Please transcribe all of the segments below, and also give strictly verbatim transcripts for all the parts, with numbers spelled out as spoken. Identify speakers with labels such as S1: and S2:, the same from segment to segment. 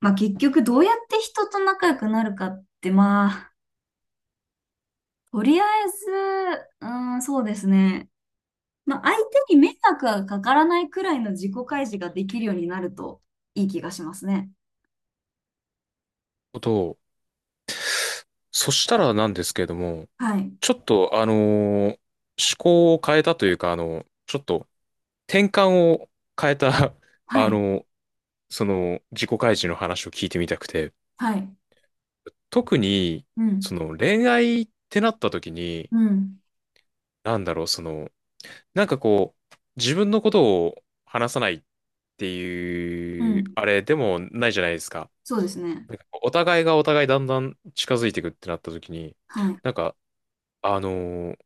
S1: まあ結局どうやって人と仲良くなるかって、まあ、とりあえず、うーん、そうですね。まあ相手に迷惑がかからないくらいの自己開示ができるようになるといい気がしますね。
S2: と、そしたらなんですけれども、
S1: はい。
S2: ちょっと、あのー思考を変えたというか、あの、ちょっと転換を変えた、
S1: は
S2: あ
S1: い。
S2: の、その自己開示の話を聞いてみたくて、
S1: はい。
S2: 特に、
S1: うん。
S2: その恋愛ってなった時に、
S1: うん。
S2: なんだろう、その、なんかこう、自分のことを話さないって
S1: う
S2: いう、
S1: ん。
S2: あれでもないじゃないですか。
S1: そうですね。
S2: なんかこうお互いがお互いだんだん近づいていくってなった時に、
S1: はい。
S2: なんか、あのー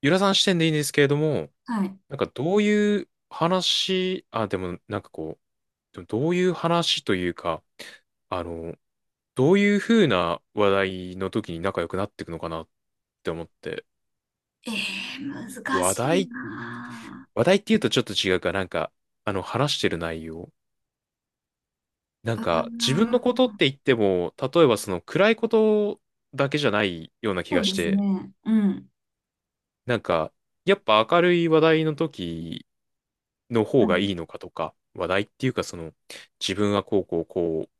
S2: ゆらさん視点でいいんですけれども、
S1: はい。
S2: なんかどういう話、あ、でもなんかこう、でもどういう話というか、あの、どういう風な話題の時に仲良くなっていくのかなって思って、
S1: えー、難
S2: 話
S1: しい
S2: 題、
S1: な
S2: 話題って言うとちょっと違うか、なんか、あの、話してる内容。なん
S1: ぁ。あ
S2: か、自分のこと
S1: ー、
S2: って言っても、例えばその暗いことだけじゃないような気
S1: そ
S2: が
S1: う
S2: し
S1: です
S2: て、
S1: ね。うん。
S2: なんか、やっぱ明るい話題の時の
S1: は
S2: 方が
S1: い。
S2: いいのかとか、話題っていうかその、自分はこうこうこう、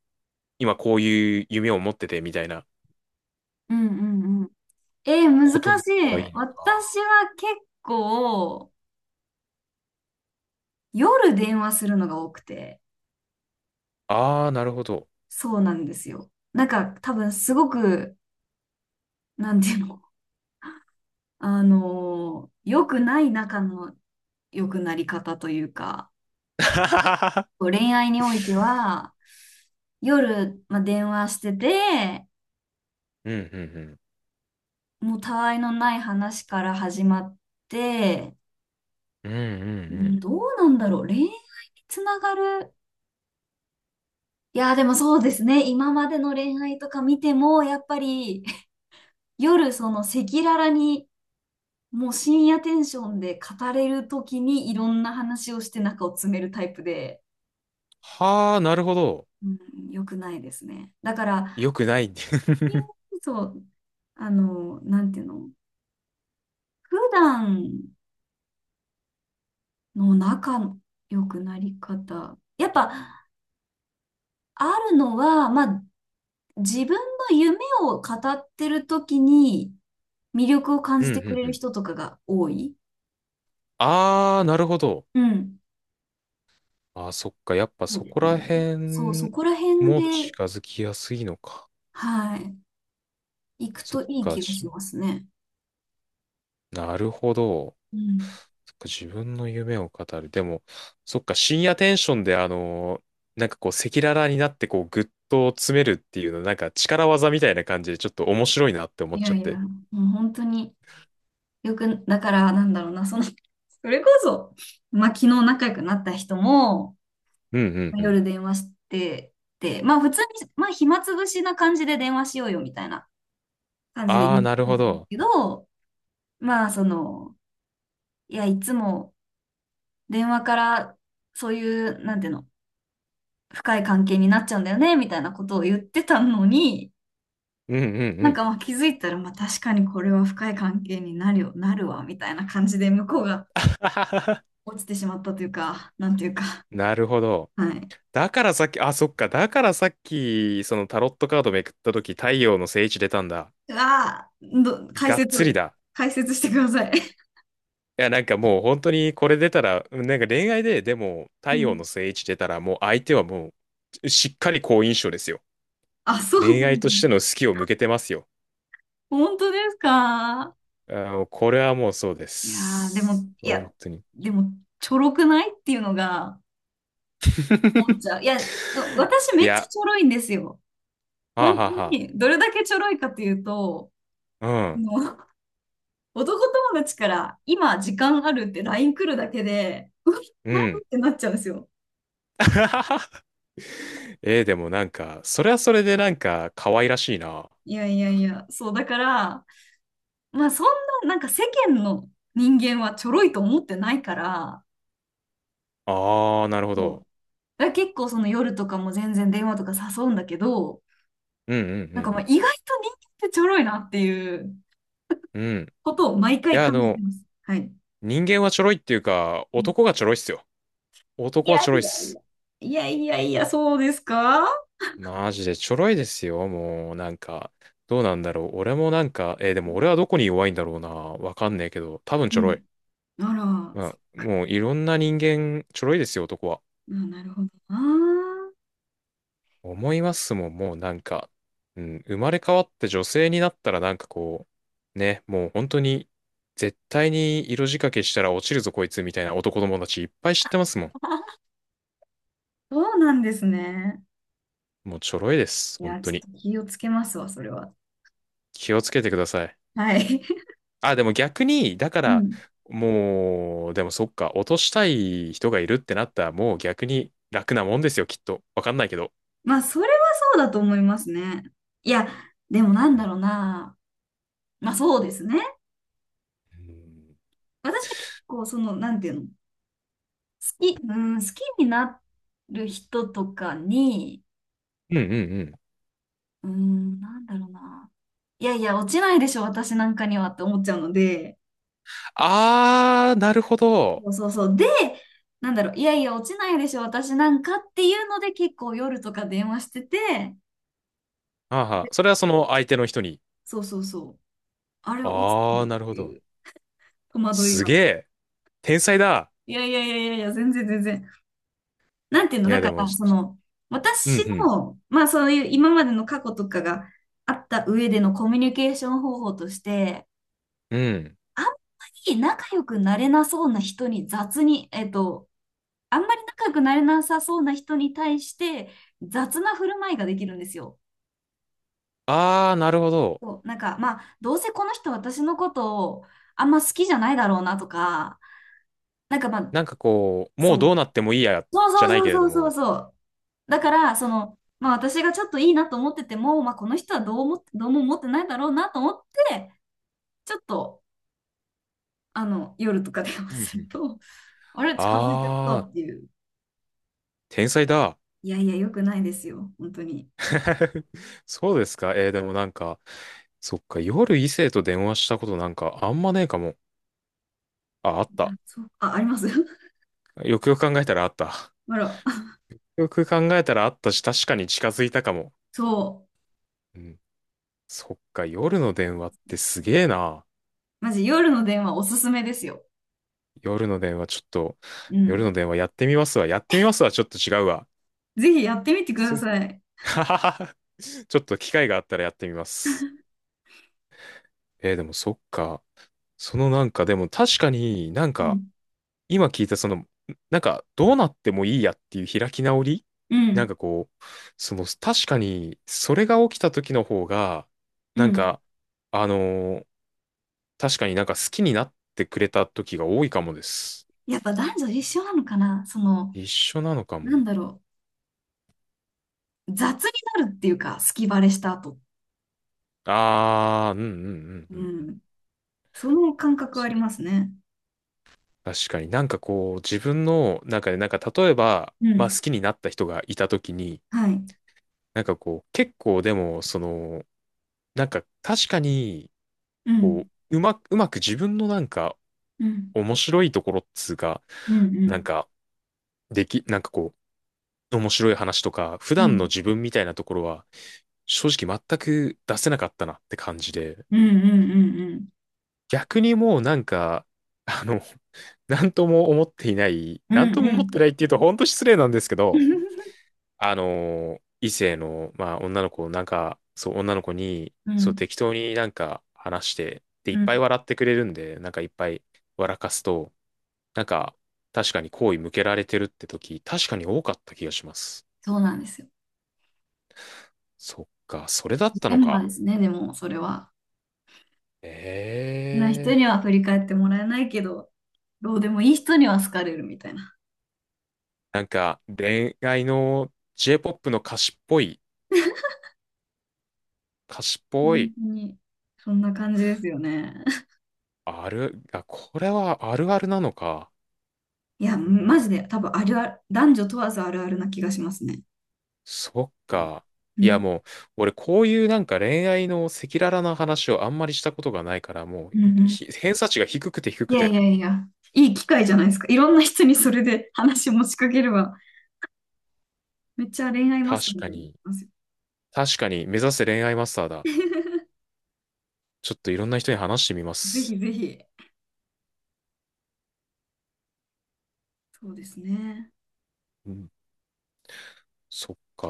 S2: 今こういう夢を持っててみたいな
S1: うんうんうん。えー、難
S2: ことの
S1: し
S2: 方がい
S1: い。
S2: いのか。
S1: 私は結構、夜電話するのが多くて、
S2: ああ、なるほど。
S1: そうなんですよ。なんか多分すごく、なんていうの、あのー良くない仲の良くなり方というか、恋愛においては、夜、まあ、電話してて、
S2: うんうん
S1: もうたわいのない話から始まって、
S2: うん。うんう
S1: う
S2: んう
S1: ん
S2: ん。
S1: どうなんだろう、恋愛につながる。いや、でもそうですね。今までの恋愛とか見ても、やっぱり夜その赤裸々にもう深夜テンションで語れるときにいろんな話をして中を詰めるタイプで、
S2: はあ、なるほど。
S1: うん、良くないですね。だから、
S2: よくない。
S1: そう、あの、なんていうの、普段の仲の良くなり方。やっぱ、あるのは、まあ、自分の夢を語ってるときに魅力を感
S2: うん
S1: じ
S2: う
S1: てく
S2: ん
S1: れ
S2: う
S1: る
S2: ん。
S1: 人とかが多い。
S2: ああ、なるほど。
S1: うん。
S2: ああ、そっか。やっぱ
S1: そう
S2: そ
S1: で
S2: こ
S1: すね。
S2: ら
S1: そう、そ
S2: 辺
S1: こら辺
S2: も
S1: で、
S2: 近づきやすいのか。
S1: はい、行く
S2: そっ
S1: といい
S2: か。
S1: 気が
S2: じ
S1: しますね。
S2: なるほど。
S1: うん。
S2: そっか、自分の夢を語る。でも、そっか、深夜テンションで、あのーなんかこう、赤裸々になって、こう、ぐっと詰めるっていうの、なんか力技みたいな感じで、ちょっと面白いなって思
S1: い
S2: っち
S1: や
S2: ゃっ
S1: いや、
S2: て。
S1: もう本当によく、だからなんだろうな、その、それこそ、まあ昨日仲良くなった人も、
S2: うんうん
S1: まあ
S2: うん。
S1: 夜電話して、で、まあ普通に、まあ暇つぶしな感じで電話しようよみたいな感じで
S2: あ
S1: 言
S2: あ、
S1: って
S2: なる
S1: た
S2: ほ
S1: んです
S2: ど。
S1: けど、まあその、いや、いつも電話からそういう、なんていうの、深い関係になっちゃうんだよね、みたいなことを言ってたのに、
S2: うんうん
S1: な
S2: う
S1: ん
S2: ん。
S1: かまあ気づいたら、まあ確かにこれは深い関係になるよ、なるわ、みたいな感じで向こうが、落ちてしまったというか、なんていうか、
S2: なるほど。
S1: はい。
S2: だからさっき、あ、そっか。だからさっき、そのタロットカードめくったとき、太陽の聖地出たんだ。
S1: うわー、ど、解
S2: がっ
S1: 説、
S2: つりだ。
S1: 解説してください。
S2: いや、なんかもう本当にこれ出たら、うん、なんか恋愛で、でも、
S1: う
S2: 太陽
S1: ん。
S2: の聖地出たら、もう相手はもう、しっかり好印象ですよ。
S1: あ、そう、
S2: 恋愛としての好きを向けてますよ。
S1: 本当ですか。
S2: あの、これはもうそうで
S1: いやー、でも、
S2: す。
S1: いや、
S2: 本当に。
S1: でも、ちょろくないっていうのが思っちゃう。いや、私
S2: い
S1: めっちゃ
S2: や、
S1: ちょろいんですよ。
S2: はあ
S1: 本当
S2: はあは
S1: に、どれだけちょろいかというと、あ
S2: あ。
S1: の、男友達から今時間あるって ライン 来るだけで、うわ
S2: うん、
S1: 何
S2: う
S1: っ
S2: ん。
S1: てなっちゃうんですよ。
S2: えー、でもなんか、それはそれでなんか、可愛らしいな。
S1: いやいやいや、そうだから、まあそんな、なんか世間の人間はちょろいと思ってないから、
S2: ああ、なるほ
S1: そ
S2: ど。
S1: う。だから結構その夜とかも全然電話とか誘うんだけど、
S2: うんう
S1: なんかまあ
S2: ん
S1: 意外と人間ってちょろいなっていう
S2: うんうん。うん。
S1: ことを毎
S2: い
S1: 回
S2: や、あ
S1: 感じて
S2: の、
S1: ます。はい。
S2: 人間はちょろいっていうか、
S1: うん、
S2: 男がちょろいっすよ。
S1: い
S2: 男
S1: や
S2: は
S1: い
S2: ちょろいっ
S1: やい
S2: す。
S1: や。いやいやいや、そうですか。
S2: マジでちょろいですよ、もう、なんか。どうなんだろう。俺もなんか、えーでも俺はどこに弱いんだろうな。わかんねえけど、多分
S1: う
S2: ちょろ
S1: ん。
S2: い。
S1: あら、そ
S2: まあ、もういろんな人間、ちょろいですよ、男は。
S1: う。あ、なるほどな。
S2: 思いますもん、もうなんか、うん、生まれ変わって女性になったらなんかこう、ね、もう本当に、絶対に色仕掛けしたら落ちるぞ、こいつ、みたいな男友達いっぱい知ってますもん。
S1: そうなんですね。
S2: もうちょろいです、
S1: い
S2: 本
S1: や、
S2: 当
S1: ち
S2: に。
S1: ょっと気をつけますわ、それは。
S2: 気をつけてください。
S1: はい。
S2: あ、でも逆に、だか
S1: う
S2: ら、
S1: ん、
S2: もう、でもそっか、落としたい人がいるってなったら、もう逆に楽なもんですよ、きっと。わかんないけど。
S1: まあ、それはそうだと思いますね。いや、でもなん
S2: う
S1: だ
S2: ん
S1: ろうな。まあ、そうですね。私は結構、その、なんていうの、好き、うん、好きになる人とかに、
S2: うんうんうんうん。
S1: うん、なんだろうな。いやいや、落ちないでしょ、私なんかにはって思っちゃうので、
S2: あー、なるほど。
S1: そうそうそう。で、なんだろう、いやいや、落ちないでしょ、私なんかっていうので、結構夜とか電話してて、
S2: はあはあ、それはその相手の人に。
S1: そうそうそう。あれ、落ちて
S2: あ
S1: る
S2: ー、
S1: っ
S2: なるほ
S1: てい
S2: ど。
S1: う戸惑い
S2: す
S1: が。
S2: げえ。天才だ。
S1: いやいやいやいやいや、全然全然。なんていう
S2: い
S1: の、だ
S2: や、で
S1: か
S2: も、
S1: ら、
S2: じ
S1: その、
S2: う
S1: 私
S2: ん
S1: の、まあそういう今までの過去とかがあった上でのコミュニケーション方法として、
S2: うん。うん。
S1: あんまり仲良くなれなそうな人に雑に、えっと、あんまり仲良くなれなさそうな人に対して雑な振る舞いができるんですよ。
S2: あー、なるほど。
S1: そう、なんか、まあ、どうせこの人私のことをあんま好きじゃないだろうなとか、なんかまあ、
S2: なんかこう、もう
S1: そう。
S2: どうなってもいいや、
S1: そう
S2: じゃない
S1: そう
S2: けれ
S1: そ
S2: ど
S1: うそうそう
S2: も。
S1: そう。だから、その、まあ私がちょっといいなと思ってても、まあこの人はどう思っどうも思ってないだろうなと思って、ちょっと、あの、夜とか電話
S2: うんう
S1: する
S2: ん。
S1: と、あれ、近づいちゃった
S2: あー、
S1: っていう。
S2: 天才だ。
S1: いやいや、良くないですよ。本当に。
S2: そうですか。えーでもなんか、そっか、夜異性と電話したことなんかあんまねえかも。あ、あった。
S1: あ、そう、あ、あります。
S2: よくよく考えたらあった。
S1: あら、
S2: よく考えたらあったし、確かに近づいたかも。
S1: そ
S2: うん。そっか、夜の電話ってすげえな。
S1: う。マジ、夜の電話おすすめですよ。
S2: 夜の電話ちょっと、
S1: うん。
S2: 夜の電話やってみますわ。やってみますわ。ちょっと違うわ。
S1: ぜひやってみてくだ
S2: す、
S1: さい。
S2: ははは。ちょっと機会があったらやってみます。えーでもそっか。そのなんか、でも確かになん
S1: う
S2: か、
S1: ん。
S2: 今聞いたその、なんかどうなってもいいやっていう開き直り、
S1: う
S2: なん
S1: ん。
S2: かこう、その確かにそれが起きた時の方が、
S1: う
S2: なん
S1: ん。
S2: か、あのー確かになんか好きになってくれた時が多いかもです。
S1: やっぱ男女一緒なのかな、その、
S2: 一緒なのか
S1: な
S2: も。
S1: んだろう。雑になるっていうか、隙バレした後。
S2: あー、うんうんうんう
S1: う
S2: んうん。
S1: ん。その感覚はありますね。
S2: 確かになんかこう、自分の中でなんか例えば、
S1: う
S2: まあ好
S1: ん。
S2: きになった人がいた時に、
S1: はい。
S2: なんかこう、結構でも、その、なんか確かに、
S1: う
S2: こ
S1: ん。
S2: う、うまく、うまく自分のなんか、
S1: うん。
S2: 面白いところっつうか、
S1: う
S2: なん
S1: ん。
S2: か、でき、なんかこう、面白い話とか、普
S1: うん。う
S2: 段の
S1: ん。
S2: 自分みたいなところは、正直全く出せなかったなって感じで、
S1: うん。うん。
S2: 逆にもうなんか、あの、なんとも思っていない、
S1: う
S2: なんと
S1: ん。
S2: も
S1: う
S2: 思っ
S1: ん。
S2: てないっていうと本当失礼なんですけ
S1: う
S2: ど、
S1: ん。
S2: あの、異性の、まあ女の子、なんか、そう、女の子に、
S1: う
S2: そう、
S1: ん。
S2: 適当になんか話して、で、い
S1: う
S2: っぱい
S1: ん、
S2: 笑ってくれるんで、なんかいっぱい笑かすと、なんか、確かに好意向けられてるって時、確かに多かった気がします。
S1: そうなんですよ。
S2: そっか、それだっ
S1: ジ
S2: た
S1: レ
S2: の
S1: ンマで
S2: か。
S1: すね、でも、それは。
S2: え
S1: な人
S2: え
S1: に
S2: ー、
S1: は振り返ってもらえないけど、どうでもいい人には好かれるみたいな。
S2: なんか、恋愛の J-ポップ の歌詞っぽい、歌詞っぽ
S1: 本
S2: い、
S1: 当に、そんな感じですよね。
S2: ある、あ、これはあるあるなのか。
S1: いや、マジで、多分あるある、男女問わずあるあるな気がしますね。
S2: そっか。
S1: う
S2: いや
S1: ん。
S2: もう、俺こういうなんか恋愛の赤裸々な話をあんまりしたことがないから、も
S1: うん。う
S2: う、
S1: ん、
S2: ひ偏差値が低くて低
S1: い
S2: く
S1: やい
S2: て。
S1: やいや、いい機会じゃないですか。いろんな人にそれで話持ちかければ、めっちゃ恋愛マスター
S2: 確
S1: み
S2: か
S1: たいになり
S2: に、
S1: ますよ。
S2: 確かに、目指せ恋愛マスターだ。ちょっといろんな人に話してみま
S1: ぜ
S2: す。
S1: ひぜひ。そうですね。
S2: そっか。